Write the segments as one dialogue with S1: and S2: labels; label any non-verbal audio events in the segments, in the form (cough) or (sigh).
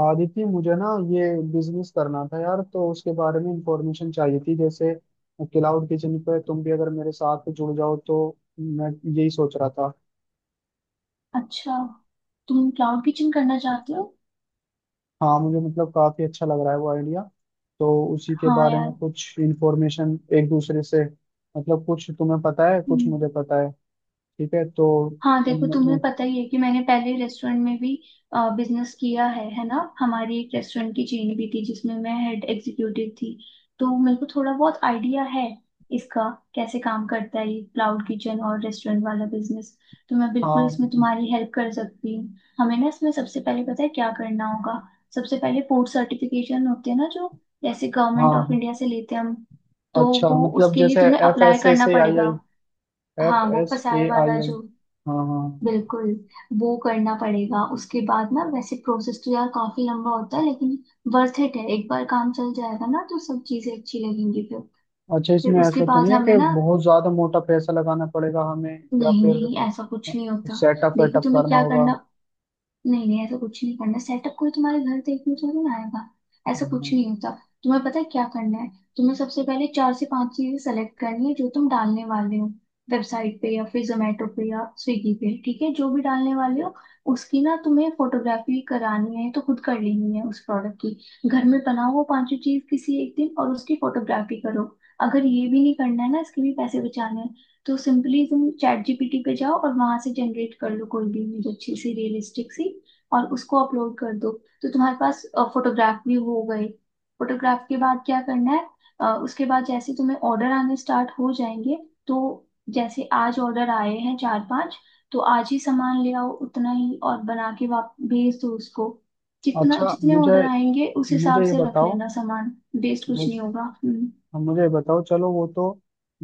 S1: आदित्य, मुझे ना ये बिजनेस करना था यार। तो उसके बारे में इंफॉर्मेशन चाहिए थी। जैसे क्लाउड किचन पे तुम भी अगर मेरे साथ जुड़ जाओ तो मैं यही सोच रहा था।
S2: अच्छा, तुम क्लाउड किचन करना चाहते हो।
S1: हाँ, मुझे मतलब काफी अच्छा लग रहा है वो आइडिया। तो उसी के
S2: हाँ
S1: बारे में
S2: यार।
S1: कुछ इंफॉर्मेशन एक दूसरे से, मतलब कुछ तुम्हें पता है कुछ
S2: हम्म।
S1: मुझे पता है। ठीक है तो
S2: हाँ देखो,
S1: म-
S2: तुम्हें
S1: म-
S2: पता ही है कि मैंने पहले रेस्टोरेंट में भी बिजनेस किया है ना। हमारी एक रेस्टोरेंट की चेन भी थी जिसमें मैं हेड एग्जीक्यूटिव थी। तो मेरे को थोड़ा बहुत आइडिया है इसका, कैसे काम करता है ये क्लाउड किचन और रेस्टोरेंट वाला बिजनेस। तो मैं बिल्कुल
S1: हाँ
S2: इसमें तुम्हारी हेल्प कर सकती हूँ। हमें ना इसमें सबसे पहले पता है क्या करना होगा। सबसे पहले फूड सर्टिफिकेशन होते हैं ना, जो जैसे गवर्नमेंट ऑफ
S1: हाँ।
S2: इंडिया से लेते हैं हम, तो
S1: अच्छा,
S2: वो
S1: मतलब
S2: उसके लिए
S1: जैसे
S2: तुम्हें
S1: F S
S2: apply
S1: S A
S2: करना
S1: से आई आई
S2: पड़ेगा।
S1: एफ
S2: हाँ वो
S1: एस ए
S2: फसाए
S1: आई
S2: वाला
S1: आई
S2: जो।
S1: हाँ हाँ।
S2: बिल्कुल। वो करना पड़ेगा। उसके बाद ना वैसे प्रोसेस तो यार काफी लंबा होता है, लेकिन वर्थ इट है। एक बार काम चल जाएगा ना तो सब चीजें अच्छी लगेंगी फिर।
S1: अच्छा,
S2: फिर
S1: इसमें
S2: उसके
S1: ऐसा तो
S2: बाद
S1: नहीं है
S2: हमें
S1: कि
S2: ना,
S1: बहुत ज्यादा मोटा पैसा लगाना पड़ेगा हमें? या
S2: नहीं
S1: फिर
S2: नहीं ऐसा कुछ नहीं होता।
S1: सेटअप
S2: देखो
S1: वेटअप
S2: तुम्हें
S1: करना
S2: क्या
S1: होगा?
S2: करना, नहीं नहीं ऐसा कुछ नहीं करना। सेटअप कोई तुम्हारे घर देखने थोड़ी ना आएगा। ऐसा कुछ
S1: हम्म,
S2: नहीं होता। तुम्हें पता है क्या करना है, तुम्हें सबसे पहले चार से पांच चीजें सेलेक्ट करनी है जो तुम डालने वाले हो वेबसाइट पे या फिर जोमेटो पे या स्विगी पे। ठीक है, जो भी डालने वाले हो उसकी ना तुम्हें फोटोग्राफी करानी है। तो खुद कर लेनी है उस प्रोडक्ट की, घर में बनाओ वो पांचों चीज किसी एक दिन और उसकी फोटोग्राफी करो। अगर ये भी नहीं करना है ना, इसके भी पैसे बचाने हैं, तो सिंपली तुम चैट जीपीटी पे जाओ और वहां से जनरेट कर लो कोई भी इमेज अच्छी सी रियलिस्टिक सी और उसको अपलोड कर दो। तो तुम्हारे पास फोटोग्राफ भी हो गए। फोटोग्राफ के बाद क्या करना है, उसके बाद जैसे तुम्हें ऑर्डर आने स्टार्ट हो जाएंगे। तो जैसे आज ऑर्डर आए हैं चार पांच, तो आज ही सामान ले आओ उतना ही और बना के वाप भेज दो उसको। जितना
S1: अच्छा
S2: जितने
S1: मुझे
S2: ऑर्डर आएंगे उस हिसाब
S1: मुझे ये
S2: से रख
S1: बताओ।
S2: लेना सामान। वेस्ट कुछ नहीं
S1: जिस
S2: होगा। हम्म।
S1: अब मुझे बताओ, चलो वो तो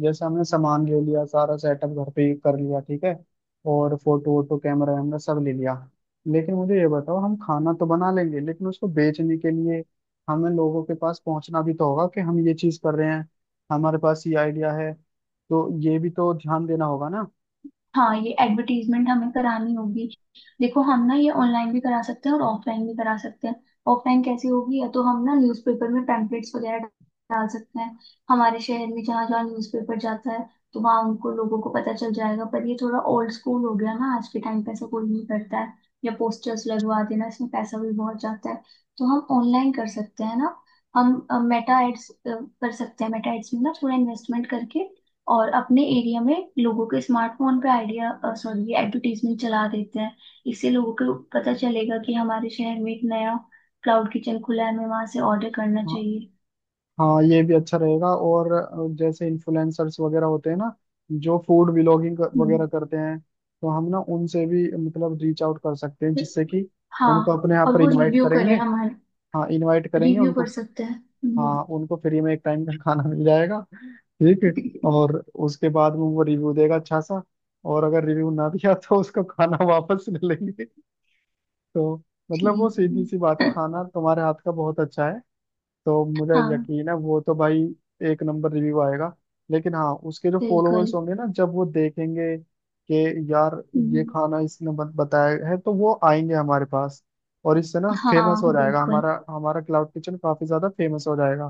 S1: जैसे हमने सामान ले लिया, सारा सेटअप घर पे ही कर लिया ठीक है, और फोटो वोटो कैमरा वैमरा सब ले लिया। लेकिन मुझे ये बताओ, हम खाना तो बना लेंगे लेकिन उसको बेचने के लिए हमें लोगों के पास पहुंचना भी तो होगा कि हम ये चीज कर रहे हैं, हमारे पास ये आइडिया है। तो ये भी तो ध्यान देना होगा ना।
S2: हाँ ये एडवर्टीजमेंट हमें करानी होगी। देखो हम ना ये ऑनलाइन भी करा सकते हैं और ऑफलाइन भी करा सकते हैं। ऑफलाइन कैसे होगी, या तो हम ना न्यूज़पेपर में पैम्पलेट्स वगैरह डाल सकते हैं। हमारे शहर में जहाँ जहाँ न्यूज़पेपर जाता है तो वहाँ उनको लोगों को पता चल जाएगा, पर ये थोड़ा ओल्ड स्कूल हो गया ना, आज के टाइम पे ऐसा कोई नहीं करता है। या पोस्टर्स लगवा देना, इसमें पैसा भी बहुत जाता है। तो हम ऑनलाइन कर सकते हैं ना। हम मेटा एड्स कर सकते हैं। मेटा एड्स में ना थोड़ा इन्वेस्टमेंट करके और अपने एरिया में लोगों के स्मार्टफोन पे आइडिया, सॉरी एडवर्टीजमेंट चला देते हैं। इससे लोगों को पता चलेगा कि हमारे शहर में एक नया क्लाउड किचन खुला है, हमें वहां से ऑर्डर करना
S1: हाँ,
S2: चाहिए।
S1: हाँ ये भी अच्छा रहेगा। और जैसे इन्फ्लुएंसर्स वगैरह होते हैं ना, जो फूड व्लॉगिंग
S2: हम्म।
S1: वगैरह करते हैं, तो हम ना उनसे भी मतलब रीच आउट कर सकते हैं।
S2: फिर-
S1: जिससे कि उनको
S2: हाँ
S1: अपने यहाँ
S2: और
S1: पर
S2: वो
S1: इनवाइट
S2: रिव्यू
S1: करेंगे।
S2: करें हमारे।
S1: हाँ, इनवाइट करेंगे
S2: रिव्यू
S1: उनको।
S2: कर सकते हैं। हम्म।
S1: हाँ, उनको फ्री में एक टाइम का खाना मिल जाएगा। ठीक है, और उसके बाद में वो रिव्यू देगा अच्छा सा। और अगर रिव्यू ना दिया तो उसको खाना (laughs) वापस ले लेंगे। तो मतलब वो
S2: ठीक
S1: सीधी सी बात है,
S2: है।
S1: खाना तुम्हारे हाथ का बहुत अच्छा है। तो मुझे
S2: हाँ
S1: यकीन है वो तो भाई एक नंबर रिव्यू आएगा। लेकिन हाँ, उसके जो
S2: बिल्कुल।
S1: फॉलोअर्स होंगे ना, जब वो देखेंगे कि यार ये
S2: हम्म।
S1: खाना इसने बताया है, तो वो आएंगे हमारे पास। और इससे ना फेमस
S2: हाँ
S1: हो जाएगा
S2: बिल्कुल।
S1: हमारा, हमारा क्लाउड किचन काफी ज्यादा फेमस हो जाएगा।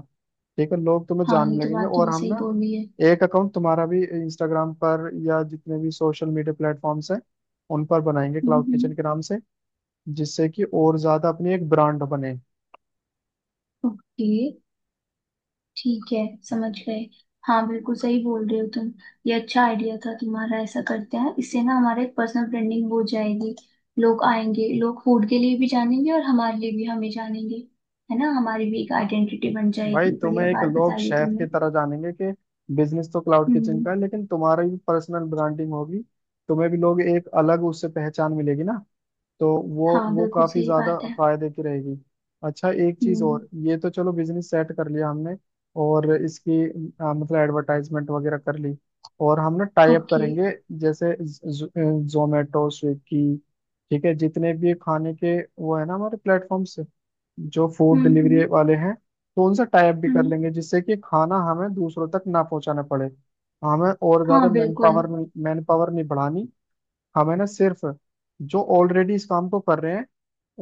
S1: ठीक है, लोग तुम्हें
S2: हाँ ये
S1: जानने
S2: तो
S1: लगेंगे।
S2: बात
S1: और
S2: तुमने
S1: हम
S2: सही
S1: ना
S2: बोली है।
S1: एक अकाउंट तुम्हारा भी इंस्टाग्राम पर, या जितने भी सोशल मीडिया प्लेटफॉर्म्स हैं उन पर बनाएंगे क्लाउड
S2: हम्म।
S1: किचन के नाम से, जिससे कि और ज्यादा अपनी एक ब्रांड बने।
S2: ओके। ठीक है, समझ गए। हाँ बिल्कुल सही बोल रहे हो तुम। ये अच्छा आइडिया था तुम्हारा, ऐसा करते हैं। इससे ना हमारे पर्सनल ब्रांडिंग हो जाएगी। लोग आएंगे, लोग फूड के लिए भी जानेंगे और हमारे लिए भी हमें जानेंगे। है ना, हमारी भी एक आइडेंटिटी बन
S1: भाई,
S2: जाएगी।
S1: तुम्हें
S2: बढ़िया
S1: एक
S2: बात
S1: लोग
S2: बताइए
S1: शेफ की
S2: तुमने।
S1: तरह जानेंगे कि बिजनेस तो क्लाउड किचन
S2: हम्म।
S1: का है, लेकिन तुम्हारी भी पर्सनल ब्रांडिंग होगी। तुम्हें भी लोग एक अलग उससे पहचान मिलेगी ना। तो वो
S2: हाँ
S1: वो
S2: बिल्कुल
S1: काफी
S2: सही
S1: ज्यादा
S2: बात है।
S1: फायदे की रहेगी। अच्छा एक चीज
S2: हम्म।
S1: और, ये तो चलो बिजनेस सेट कर लिया हमने, और इसकी मतलब एडवर्टाइजमेंट वगैरह कर ली, और हम ना टाई अप
S2: ओके।
S1: करेंगे जैसे जोमेटो स्विगी। ठीक है, जितने भी खाने के वो है ना हमारे प्लेटफॉर्म्स जो फूड
S2: हम्म।
S1: डिलीवरी वाले हैं, तो उनसे टाई अप भी कर
S2: हम्म।
S1: लेंगे, जिससे कि खाना हमें दूसरों तक ना पहुंचाना पड़े। हमें और ज्यादा
S2: हाँ
S1: मैन
S2: बिल्कुल।
S1: पावर मैन पावर नहीं manpower नहीं बढ़ानी। हमें ना सिर्फ जो ऑलरेडी इस काम को कर रहे हैं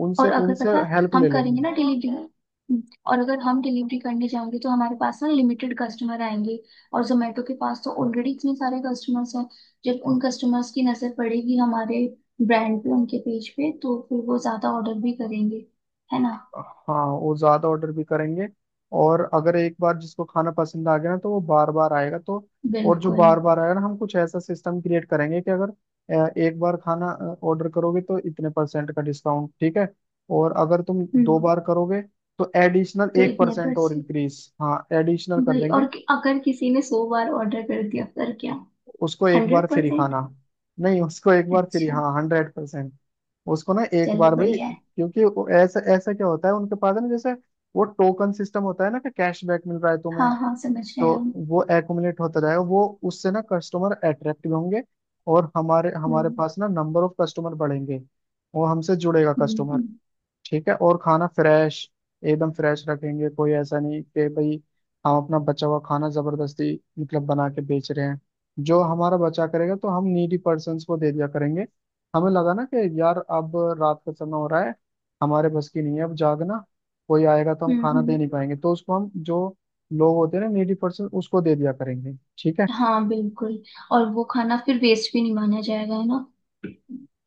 S1: उनसे
S2: और अगर
S1: उनसे
S2: पता है,
S1: हेल्प
S2: हम
S1: ले लेनी
S2: करेंगे ना
S1: है।
S2: डिलीवरी, और अगर हम डिलीवरी करने जाएंगे तो हमारे पास ना लिमिटेड कस्टमर आएंगे। और जोमेटो के पास तो ऑलरेडी इतने सारे कस्टमर्स हैं, जब उन कस्टमर्स की नजर पड़ेगी हमारे ब्रांड पे उनके पेज पे तो फिर वो ज्यादा ऑर्डर भी करेंगे, है ना।
S1: हाँ, वो ज्यादा ऑर्डर भी करेंगे। और अगर एक बार जिसको खाना पसंद आ गया ना, तो वो बार बार आएगा। तो और जो
S2: बिल्कुल।
S1: बार बार आएगा ना, हम कुछ ऐसा सिस्टम क्रिएट करेंगे कि अगर एक बार खाना ऑर्डर करोगे तो इतने परसेंट का डिस्काउंट, ठीक है। और अगर तुम दो
S2: हम्म।
S1: बार करोगे तो एडिशनल
S2: तो
S1: एक
S2: इतने पर
S1: परसेंट और
S2: से,
S1: इंक्रीज, हाँ एडिशनल कर
S2: वही
S1: देंगे।
S2: और अगर किसी ने 100 बार ऑर्डर कर दिया फिर क्या।
S1: उसको एक बार
S2: हंड्रेड
S1: फ्री
S2: परसेंट।
S1: खाना। नहीं, उसको एक बार फ्री,
S2: अच्छा,
S1: हाँ 100%। उसको ना एक
S2: चलो
S1: बार भाई,
S2: बढ़िया है।
S1: क्योंकि वो ऐसा ऐसा क्या होता है उनके पास है ना जैसे, वो टोकन सिस्टम होता है ना कि कैशबैक मिल रहा है
S2: हाँ
S1: तुम्हें।
S2: हाँ, समझ रहे
S1: तो
S2: हैं हम।
S1: वो एक्यूमुलेट होता जाएगा, वो उससे ना कस्टमर अट्रैक्ट भी होंगे। और हमारे हमारे
S2: हम्म
S1: पास ना नंबर ऑफ कस्टमर बढ़ेंगे। वो हमसे जुड़ेगा
S2: हम्म।
S1: कस्टमर। ठीक है, और खाना फ्रेश एकदम फ्रेश रखेंगे। कोई ऐसा नहीं कि भाई हम अपना बचा हुआ खाना जबरदस्ती मतलब बना के बेच रहे हैं। जो हमारा बचा करेगा तो हम नीडी पर्सन्स को दे दिया करेंगे। हमें लगा ना कि यार, अब रात का समय हो रहा है, हमारे बस की नहीं है अब जागना, कोई आएगा तो हम
S2: हम्म।
S1: खाना दे
S2: हम्म।
S1: नहीं पाएंगे, तो उसको हम जो लोग होते हैं ना नीडी पर्सन, उसको दे दिया करेंगे। ठीक है।
S2: हाँ बिल्कुल। और वो खाना फिर वेस्ट भी नहीं माना जाएगा, है ना।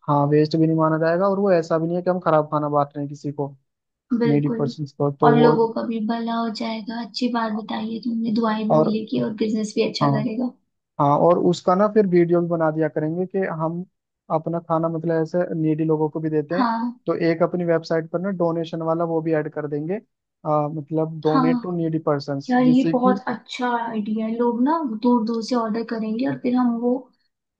S1: हाँ, वेस्ट भी नहीं माना जाएगा। और वो ऐसा भी नहीं है कि हम खराब खाना बांट रहे हैं किसी को, नीडी
S2: बिल्कुल।
S1: पर्सन को तो
S2: और
S1: वो।
S2: लोगों का भी भला हो जाएगा, अच्छी बात बताइए तुमने। दुआएं भी
S1: और
S2: मिलेगी और बिजनेस भी
S1: हाँ,
S2: अच्छा करेगा।
S1: हाँ और उसका ना फिर वीडियो भी बना दिया करेंगे कि हम अपना खाना मतलब ऐसे नीडी लोगों को भी देते हैं।
S2: हाँ।
S1: तो एक अपनी वेबसाइट पर ना डोनेशन वाला वो भी ऐड कर देंगे, मतलब डोनेट टू
S2: हाँ
S1: नीडी पर्संस,
S2: यार ये
S1: जिससे कि
S2: बहुत अच्छा आइडिया है। लोग ना दूर दूर से ऑर्डर करेंगे और फिर हम वो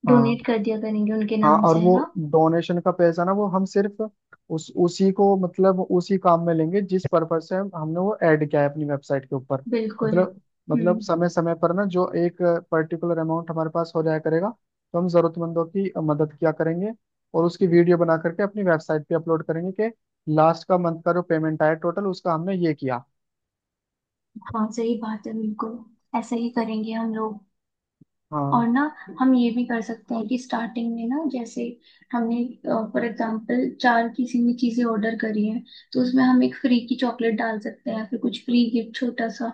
S2: डोनेट
S1: हाँ।
S2: कर दिया करेंगे उनके
S1: हाँ,
S2: नाम
S1: और
S2: से, है
S1: वो
S2: ना।
S1: डोनेशन का पैसा ना वो हम सिर्फ उस उसी को मतलब उसी काम में लेंगे जिस पर्पज से हमने वो ऐड किया है अपनी वेबसाइट के ऊपर।
S2: बिल्कुल।
S1: मतलब
S2: हम्म।
S1: मतलब समय समय पर ना जो एक पर्टिकुलर अमाउंट हमारे पास हो जाया करेगा, तो हम जरूरतमंदों की मदद किया करेंगे, और उसकी वीडियो बना करके अपनी वेबसाइट पे अपलोड करेंगे कि लास्ट का मंथ का जो पेमेंट आया टोटल, उसका हमने ये किया।
S2: हाँ सही बात है, बिल्कुल। ऐसा ही करेंगे हम लोग।
S1: हाँ,
S2: और ना, हम ये भी कर सकते हैं कि स्टार्टिंग में ना, जैसे हमने फॉर एग्जांपल चार किसी भी चीजें ऑर्डर करी हैं, तो उसमें हम एक फ्री की चॉकलेट डाल सकते हैं, फिर कुछ फ्री गिफ्ट छोटा सा,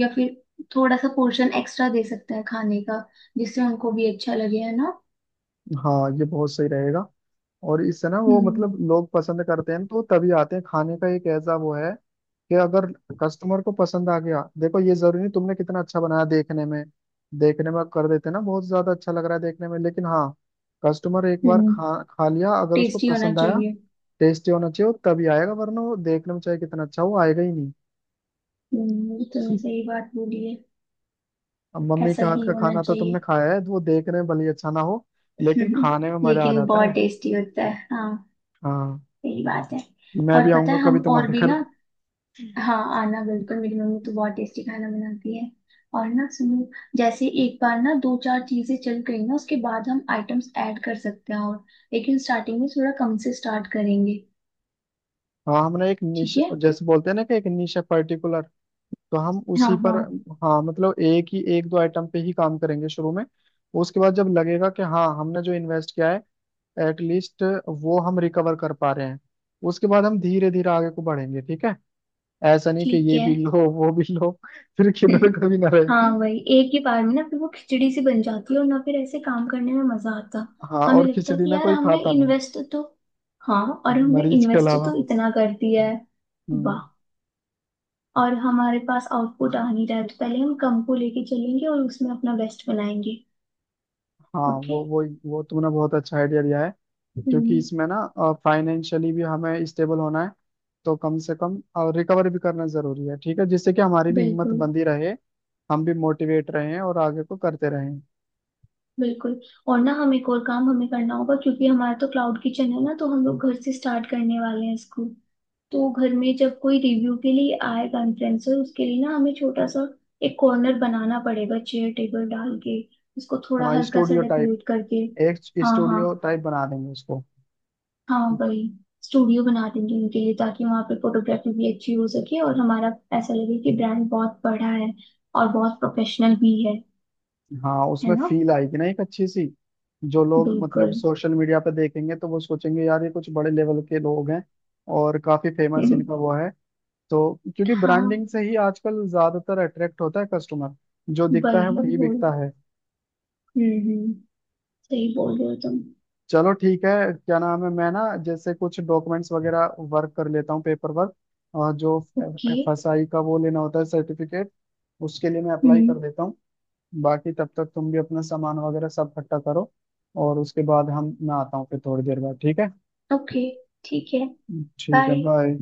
S2: या फिर थोड़ा सा पोर्शन एक्स्ट्रा दे सकते हैं खाने का, जिससे उनको भी अच्छा लगे, है ना।
S1: हाँ ये बहुत सही रहेगा। और इससे ना वो
S2: हम्म।
S1: मतलब लोग पसंद करते हैं तो तभी आते हैं। खाने का एक ऐसा वो है कि अगर कस्टमर को पसंद आ गया, देखो ये जरूरी नहीं तुमने कितना अच्छा बनाया देखने में, देखने में कर देते ना बहुत ज्यादा अच्छा लग रहा है देखने में, लेकिन हाँ कस्टमर एक बार
S2: हम्म।
S1: खा खा लिया अगर उसको
S2: टेस्टी होना
S1: पसंद आया।
S2: चाहिए।
S1: टेस्टी होना चाहिए, वो तभी आएगा, वरना वो देखने में चाहे कितना अच्छा हो वो आएगा ही नहीं।
S2: ये तुमने सही
S1: (laughs)
S2: बात बोली है।
S1: अब मम्मी
S2: ऐसा
S1: के हाथ
S2: ही
S1: का
S2: होना
S1: खाना तो तुमने
S2: चाहिए।
S1: खाया है, तो वो देखने में भले ही अच्छा ना हो लेकिन
S2: (laughs)
S1: खाने में मजा आ
S2: लेकिन
S1: जाता
S2: बहुत
S1: है।
S2: टेस्टी होता है हाँ।
S1: हाँ,
S2: सही बात है।
S1: मैं
S2: और
S1: भी
S2: पता
S1: आऊंगा
S2: है
S1: कभी
S2: हम और
S1: तुम्हारे
S2: भी
S1: घर।
S2: ना, हाँ आना बिल्कुल, मेरी मम्मी तो बहुत टेस्टी खाना बनाती है। और ना सुनो, जैसे एक बार ना दो चार चीजें चल गई ना उसके बाद हम आइटम्स ऐड कर सकते हैं और, लेकिन स्टार्टिंग में थोड़ा कम से स्टार्ट करेंगे।
S1: हाँ, हमने एक
S2: ठीक
S1: निश,
S2: है।
S1: जैसे बोलते हैं ना कि एक निश है पर्टिकुलर, तो हम
S2: हाँ
S1: उसी पर
S2: हाँ।
S1: हाँ मतलब एक ही, एक दो आइटम पे ही काम करेंगे शुरू में। उसके बाद जब लगेगा कि हाँ हमने जो इन्वेस्ट किया है एटलीस्ट वो हम रिकवर कर पा रहे हैं, उसके बाद हम धीरे धीरे आगे को बढ़ेंगे, ठीक है। ऐसा नहीं कि
S2: ठीक
S1: ये
S2: है।
S1: भी लो वो भी लो (laughs) फिर किधर
S2: (laughs)
S1: कभी ना
S2: हाँ
S1: रहे।
S2: वही, एक ही बार में ना फिर वो खिचड़ी सी बन जाती है और ना फिर ऐसे काम करने में मजा आता।
S1: हाँ,
S2: हमें
S1: और
S2: लगता है
S1: खिचड़ी
S2: कि
S1: ना
S2: यार
S1: कोई
S2: हमने
S1: खाता नहीं,
S2: इन्वेस्ट तो, हाँ और हमने
S1: मरीज के
S2: इन्वेस्ट
S1: अलावा।
S2: तो इतना कर दिया है। वाह।
S1: हम्म।
S2: और हमारे पास आउटपुट आ नहीं रहा है, तो पहले हम कम को लेके चलेंगे और उसमें अपना बेस्ट बनाएंगे।
S1: हाँ,
S2: ओके।
S1: वो वो तुमने बहुत अच्छा आइडिया दिया है, क्योंकि
S2: हम्म।
S1: इसमें ना फाइनेंशियली भी हमें स्टेबल होना है। तो कम से कम और रिकवर भी करना जरूरी है, ठीक है, जिससे कि हमारी भी हिम्मत
S2: बिल्कुल।
S1: बंधी रहे, हम भी मोटिवेट रहें और आगे को करते रहें।
S2: बिल्कुल। और ना हम एक और काम हमें करना होगा क्योंकि हमारा तो क्लाउड किचन है ना, तो हम लोग घर से स्टार्ट करने वाले हैं इसको। तो घर में जब कोई रिव्यू के लिए आएगा इन्फ्लुएंसर, उसके लिए ना हमें छोटा सा एक कॉर्नर बनाना पड़ेगा चेयर टेबल डाल के, उसको थोड़ा
S1: हाँ
S2: हल्का सा
S1: स्टूडियो टाइप,
S2: डेकोरेट करके।
S1: एक
S2: हाँ हाँ।
S1: स्टूडियो टाइप बना देंगे उसको।
S2: हाँ वही, स्टूडियो बना देंगे उनके लिए, ताकि वहां पे फोटोग्राफी भी अच्छी हो सके और हमारा ऐसा लगे कि ब्रांड बहुत बड़ा है और बहुत प्रोफेशनल भी है।
S1: हाँ,
S2: है
S1: उसमें
S2: ना।
S1: फील आएगी ना एक अच्छी सी। जो लोग मतलब
S2: बिल्कुल।
S1: सोशल मीडिया पे देखेंगे तो वो सोचेंगे यार ये कुछ बड़े लेवल के लोग हैं और काफी फेमस, इनका वो
S2: (laughs)
S1: है। तो क्योंकि
S2: हाँ
S1: ब्रांडिंग से ही आजकल ज्यादातर अट्रैक्ट होता है कस्टमर। जो दिखता है
S2: वही
S1: वही
S2: वो।
S1: बिकता है।
S2: हम्म, हम्म। सही बोल रहे हो तुम।
S1: चलो ठीक है, क्या नाम है, मैं ना जैसे कुछ डॉक्यूमेंट्स वगैरह वर्क कर लेता हूँ, पेपर वर्क, और जो
S2: ओके।
S1: फसाई का वो लेना होता है सर्टिफिकेट, उसके लिए मैं अप्लाई
S2: हम्म।
S1: कर देता हूँ। बाकी तब तक तुम भी अपना सामान वगैरह सब इकट्ठा करो। और उसके बाद हम मैं आता हूँ फिर थोड़ी देर बाद, ठीक है।
S2: ओके ठीक है।
S1: ठीक है,
S2: बाय।
S1: बाय।